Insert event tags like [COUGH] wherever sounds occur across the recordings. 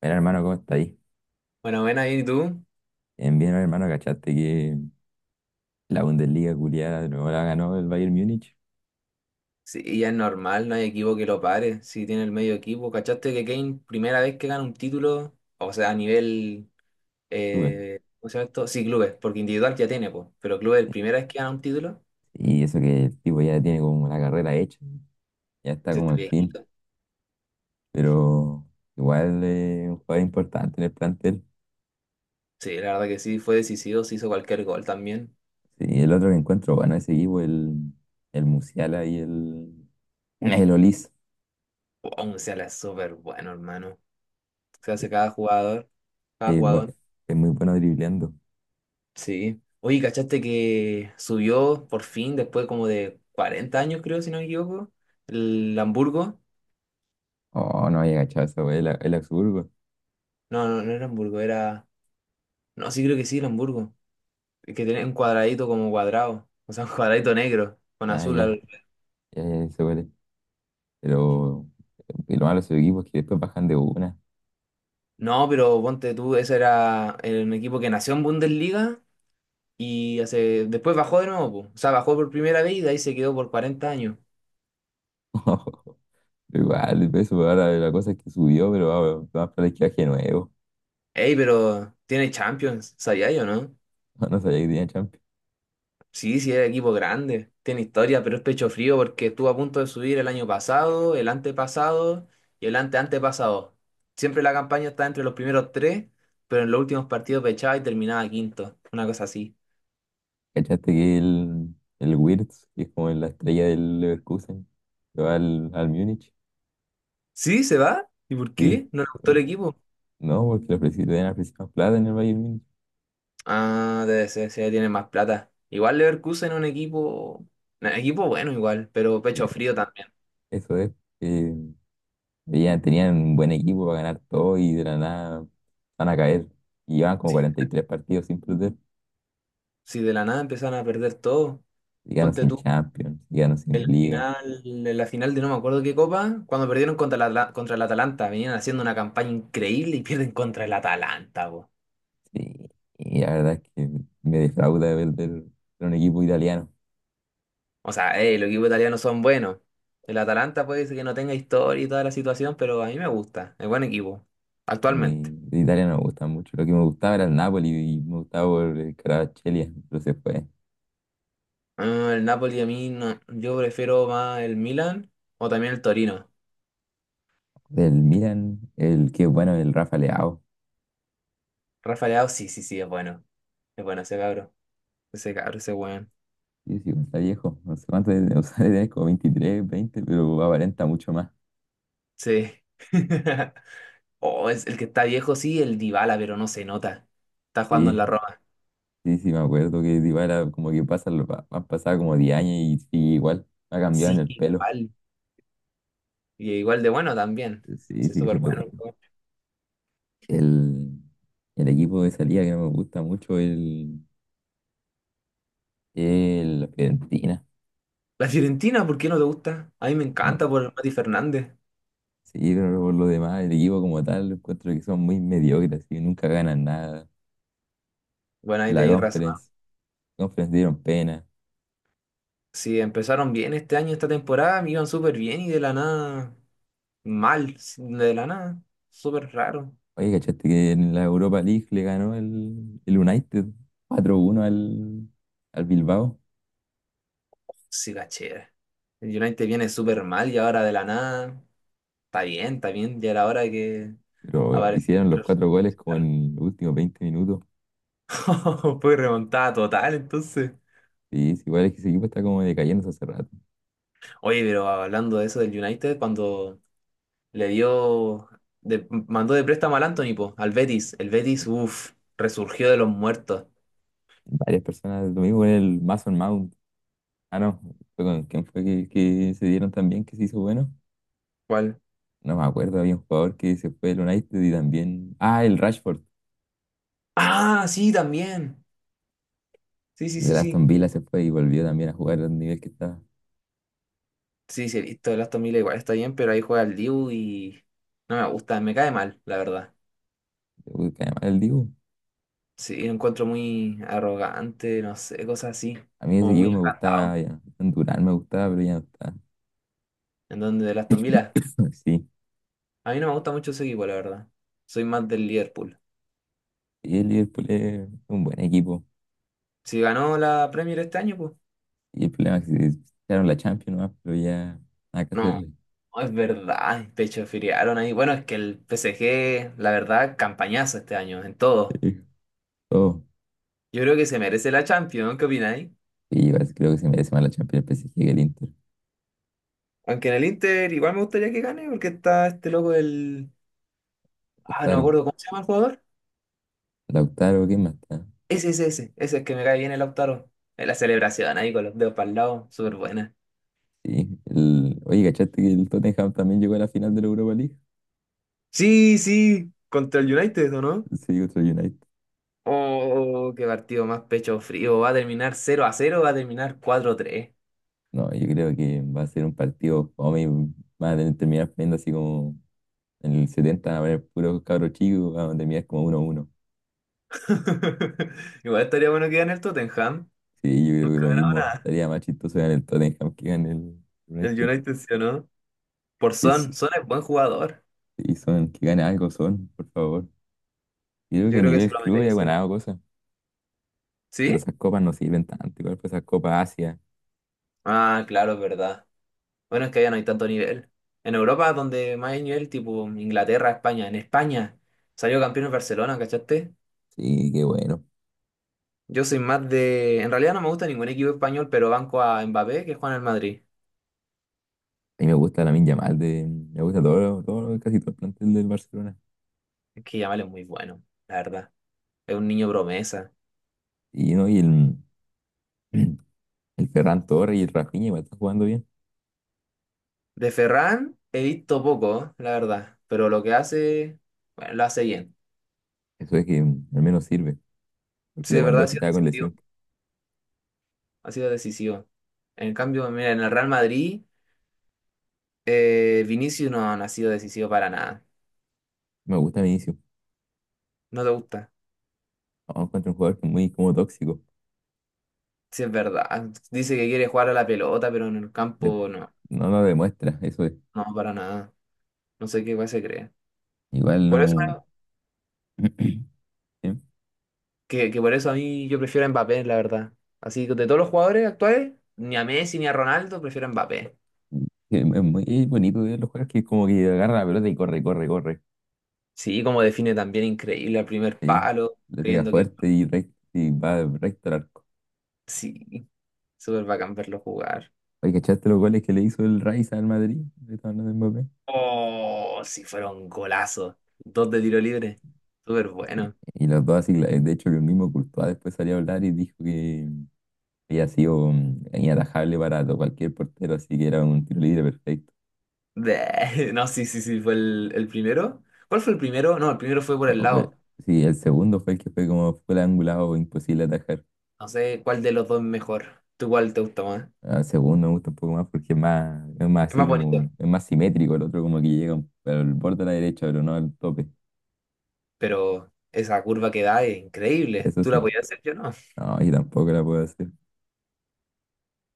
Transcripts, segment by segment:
Mira, hermano, ¿cómo está ahí? Bueno, ven ahí tú. Bien, bien, hermano, ¿cachaste que la Bundesliga culiada de nuevo la ganó el Bayern Múnich? Sí, y ya es normal, no hay equipo que lo pare. Si tiene el medio equipo. ¿Cachaste que Kane, primera vez que gana un título, o sea, a nivel, Sube. ¿Cómo se llama esto? Sí, clubes, porque individual ya tiene, pues. Pero clubes, la primera vez que gana un título, Y eso que el tipo ya tiene como la carrera hecha, ya está se como está al bien. fin, pero igual es un jugador importante en el plantel. Sí, la verdad que sí, fue decisivo, se hizo cualquier gol también. Sí, el otro que encuentro, bueno, ese equipo, el Musiala y el Olis Aún sea, la es súper bueno, hermano. Se es, hace cada jugador, cada es bu- jugador. es muy bueno dribleando. Sí. Oye, ¿cachaste que subió por fin, después como de 40 años, creo, si no me equivoco, el Hamburgo? Oh, no había cachado esa wey, el Augsburgo. No, no, no era Hamburgo, era. No, sí creo que sí era Hamburgo. Es que tenía un cuadradito como cuadrado. O sea, [LAUGHS] un cuadradito negro con Ah, azul, ya, algo. ya, ya, se huele. Pero y lo malo de su equipo es que después bajan de una. No, pero ponte tú, ese era el equipo que nació en Bundesliga y hace... Después bajó de nuevo, po. O sea, bajó por primera vez y de ahí se quedó por 40 años. [LAUGHS] Igual, el peso pues, ahora la cosa es que subió, pero va, va a para la izquierda que nuevo. [LAUGHS] Ey, pero tiene Champions, ¿sabía yo, no? No, no sabía que tenía Champions. Sí, sí, es equipo grande, tiene historia, pero es pecho frío porque estuvo a punto de subir el año pasado, el antepasado y el anteantepasado. Siempre la campaña está entre los primeros tres, pero en los últimos partidos pechaba y terminaba quinto, una cosa así. ¿Cachaste que el Wirtz, que es como la estrella del Leverkusen, se va al Múnich? ¿Sí? ¿Se va? ¿Y por Sí. qué? ¿No le gustó el Eh, equipo? No, porque le ofrecieron, le habían ofrecido más plata en el Bayern Múnich. Ah, debe ser, sí, tiene más plata. Igual Leverkusen es un equipo bueno igual, pero pecho Eh, frío también. Eso es. eh, Tenían un buen equipo para ganar todo y de la nada van a caer. Y llevan como Sí, 43 partidos sin perder. sí, de la nada empezaron a perder todo. Y ganan Ponte sin tú. Champions, y ganan sin Liga. En la final de no me acuerdo qué copa, cuando perdieron contra la, contra el Atalanta, venían haciendo una campaña increíble y [LAUGHS] pierden contra el Atalanta, po. Y, y la verdad es que me defrauda ver de un equipo italiano. O sea, los equipos italianos son buenos. El Atalanta puede ser que no tenga historia y toda la situación, pero a mí me gusta. Es buen equipo, A mí actualmente. de Italia no me gusta mucho. Lo que me gustaba era el Napoli y me gustaba por el Kvaratskhelia, pero se fue. Ah, el Napoli a mí no. Yo prefiero más el Milan o también el Torino. Del Milan, el que bueno, el Rafa Leao. Rafa Leao, sí, sí, sí, es bueno. Es bueno ese cabro. Ese cabro, ese weón. Sí, sí, pues, está viejo. No sé cuánto debe, o sea, [LAUGHS] debe tener como 23, 20, pero aparenta mucho más. Sí. [LAUGHS] Oh, es el que está viejo, sí, el Dybala, pero no se nota. Está jugando en Sí, la Roma. sí, sí, me acuerdo que Dybala como que pasa, han pasado como 10 años y sigue igual. Ha cambiado en Sí, el que pelo. igual. Y igual de bueno también. Sí, Sí, sigue súper siendo bueno. bueno. El, el equipo de salida que no me gusta mucho es la Fiorentina. La Fiorentina, ¿por qué no te gusta? A mí me ¿No? encanta por Mati Fernández. Sí, pero por lo demás, el equipo como tal, encuentro que son muy mediocres y nunca ganan nada. Bueno, ahí La tenéis razón. Conference, Conference dieron pena. Sí, empezaron bien este año, esta temporada, me iban súper bien y de la nada, mal, sí, de la nada. Súper raro. Oye, ¿cachaste que en la Europa League le ganó el United 4-1 al Bilbao? Sí, cachera. El United viene súper mal y ahora de la nada. Está bien, está bien. Ya era hora de que Pero apareciera hicieron los el resultado. cuatro goles como en los últimos 20 minutos. [LAUGHS] Fue remontada total, entonces. Sí, es igual es que ese equipo está como decayendo hace rato. Oye, pero hablando de eso del United, cuando le dio, mandó de préstamo al Anthony, po, al Betis. El Betis, uff, resurgió de los muertos. Varias personas, lo mismo con el Mason Mount. Ah, no, fue con quién fue que se dieron también que se hizo bueno. ¿Cuál? No me acuerdo, había un jugador que se fue del United y también. Ah, el Rashford, Ah, sí, también. Sí, sí, del sí, Aston sí. Villa se fue y volvió también a jugar al nivel que estaba. Sí, sí, he visto el Aston Villa igual está bien, pero ahí juega el Diu y no me gusta, me cae mal, la verdad. Uy, que además el Dibu. Sí, lo encuentro muy arrogante, no sé, cosas así, A mí ese como muy equipo me agrandado. gustaba, ya. Durán me gustaba, pero ya no está. En donde el Aston Villa, [COUGHS] [LAUGHS] Sí, a mí no me gusta mucho ese equipo, la verdad. Soy más del Liverpool. y el Liverpool es un buen equipo. Si ganó la Premier este año, pues. Y el problema es que se echaron la Champions, nomás, pero ya nada que No, hacerle. no, es verdad, pecho pechofiriaron ahí. Bueno, es que el PSG, la verdad, campañazo este año en todo. Sí. Oh, Yo creo que se merece la Champions, ¿no? ¿Qué opináis? y yo creo que se merece más la Champions el PSG que el Inter. Aunque en el Inter igual me gustaría que gane porque está este loco del... Ah, no me Lautaro, acuerdo cómo se llama el jugador. Lautaro, ¿quién más está? Ese, ese, ese. Ese es que me cae bien el Lautaro. En la celebración ahí con los dedos para el lado, súper buena. Sí, el, oye, ¿cachaste que el Tottenham también llegó a la final de la Europa League? Sí, sí, contra el United, ¿o no? Sí, contra el United. Oh, qué partido más pecho frío. Va a terminar 0-0, va a terminar cuatro a 3. No, yo creo que va a ser un partido, vamos a terminar viendo así como en el 70 va a haber puros cabros chicos, vamos a terminar como 1-1. [LAUGHS] Igual estaría bueno que gane el Tottenham. Sí, yo creo que Nunca lo ha ganado mismo, nada. estaría más chistoso ganar el Tottenham que gane el El United. United sí o no. Por Y, s- Son. Son es buen jugador. y son, que gane algo son, por favor. Yo creo que Yo a creo que se nivel lo club ya he merece. ganado cosas, pero ¿Sí? esas copas no sirven tanto, igual pues esas copas Asia. Ah, claro, es verdad. Bueno, es que allá no hay tanto nivel. En Europa, donde más hay nivel, tipo Inglaterra, España. En España salió campeón el Barcelona, ¿cachaste? Sí, qué bueno. Yo soy más de... En realidad no me gusta ningún equipo español, pero banco a Mbappé, que juega en el Madrid. A mí me gusta la Yamal, de, me gusta todo, todo, casi todo el plantel del Barcelona. Es que Yamal es muy bueno, la verdad. Es un niño promesa. Y, ¿no? y el, [CLEARS THROAT] El Ferran Torres y el Rafinha igual están jugando bien. De Ferran he visto poco, la verdad, pero lo que hace, bueno, lo hace bien. Eso es que al menos sirve. Porque Sí, de verdad ha Lewandowski sido estaba con decisivo. lesión. Ha sido decisivo. En cambio, mira, en el Real Madrid, Vinicius no, no ha sido decisivo para nada. Me gusta Vinicius. No te gusta. No, encuentro un jugador que es muy como tóxico. Sí, es verdad. Dice que quiere jugar a la pelota, pero en el De- campo no, no lo demuestra, eso es. no, para nada. No sé qué weá se cree. Igual Por eso, no. [CLEARS THROAT] Es que por eso a mí yo prefiero a Mbappé, la verdad. Así que de todos los jugadores actuales, ni a Messi ni a Ronaldo, prefiero a Mbappé. es muy bonito ver los jugadores que como que agarra la pelota y corre, corre, corre. Sí, como define también increíble al primer Sí, palo, le pega creyendo que fuerte y, y va recto al arco. sí, súper bacán verlo jugar. Oye, ¿cachaste los goles que le hizo el Rice al Madrid? Le estaba hablando de Mbappé. Oh, si fuera un golazo. Dos de tiro libre. Súper bueno. Y los dos así, de hecho que el mismo Courtois después salió a hablar y dijo que había sido inatajable para cualquier portero, así que era un tiro libre perfecto. Bleh. [LAUGHS] No, sí, sí, sí, fue el primero. ¿Cuál fue el primero? No, el primero fue por Eh, el fue- lado. sí, el segundo fue el que fue como fue el angulado, imposible atajar. No sé cuál de los dos es mejor. ¿Tú cuál te gusta más? Ah, el segundo me gusta un poco más porque es más Es así más bonito, como, es más simétrico, el otro como que llega al borde de la derecha, pero no al tope. pero esa curva que da es increíble. Eso ¿Tú la sí. podías hacer? Yo no. No, y tampoco la puedo hacer.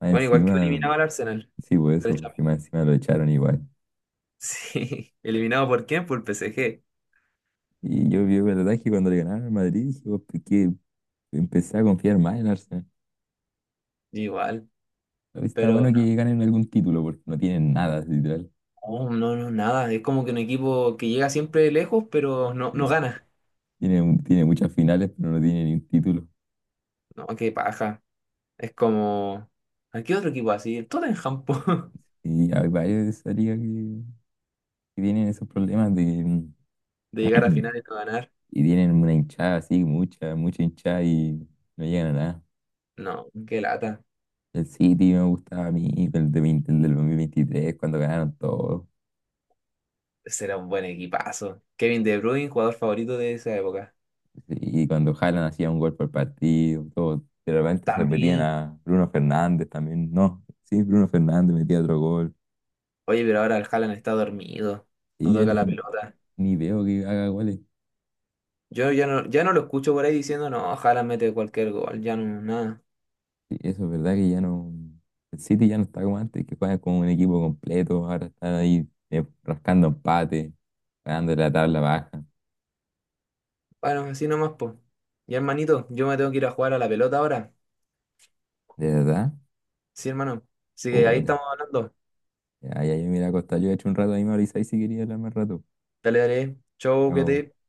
Más Bueno, igual que encima, eliminaba al Arsenal sí, por eso, porque derechamente. más encima lo echaron igual. Sí, [LAUGHS] ¿eliminado por quién? Por el PSG. Y yo vi el ataque cuando le ganaron al Madrid, dije, empecé a confiar más en Arsenal. Igual. Está Pero bueno que ganen algún título, porque no tienen nada, literal. oh, no, no, nada. Es como que un equipo que llega siempre lejos, pero no, no Sí. gana. Tiene, tiene muchas finales, pero no tiene ni un título. No, qué paja. Es como. ¿A qué otro equipo así? El Tottenham, po. [LAUGHS] Y hay varios de esa liga que tienen esos problemas de, De que, llegar a final [CLEARS THROAT] y no ganar. y tienen una hinchada así, mucha, mucha hinchada y no llegan a nada. No, qué lata. El City me gustaba a mí, el, de, 20 el del 2023 cuando ganaron todo. Será un buen equipazo. Kevin De Bruyne, jugador favorito de esa época. Y cuando Haaland hacía un gol por partido, todo. De repente se metían También. a Bruno Fernández también. No, sí, Bruno Fernández metía otro gol. Oye, pero ahora el Haaland está dormido. No Y ya toca ni, la pelota. ni veo que haga goles. Yo ya no, ya no lo escucho por ahí diciendo, no, Haaland mete cualquier gol. Ya no, nada. Sí, eso es verdad que ya no. El City ya no está como antes, que juega como un equipo completo. Ahora están ahí rascando empate, ganando la tabla baja. Bueno, así nomás, po. Ya hermanito, yo me tengo que ir a jugar a la pelota ahora. ¿De verdad? Sí, hermano. Así que ahí Puta. estamos hablando. Ya, ya, yo mira, Costa, yo he hecho un rato ahí, me avisáis si quería hablar más rato. Dale, dale. Chau, Pero cuídate.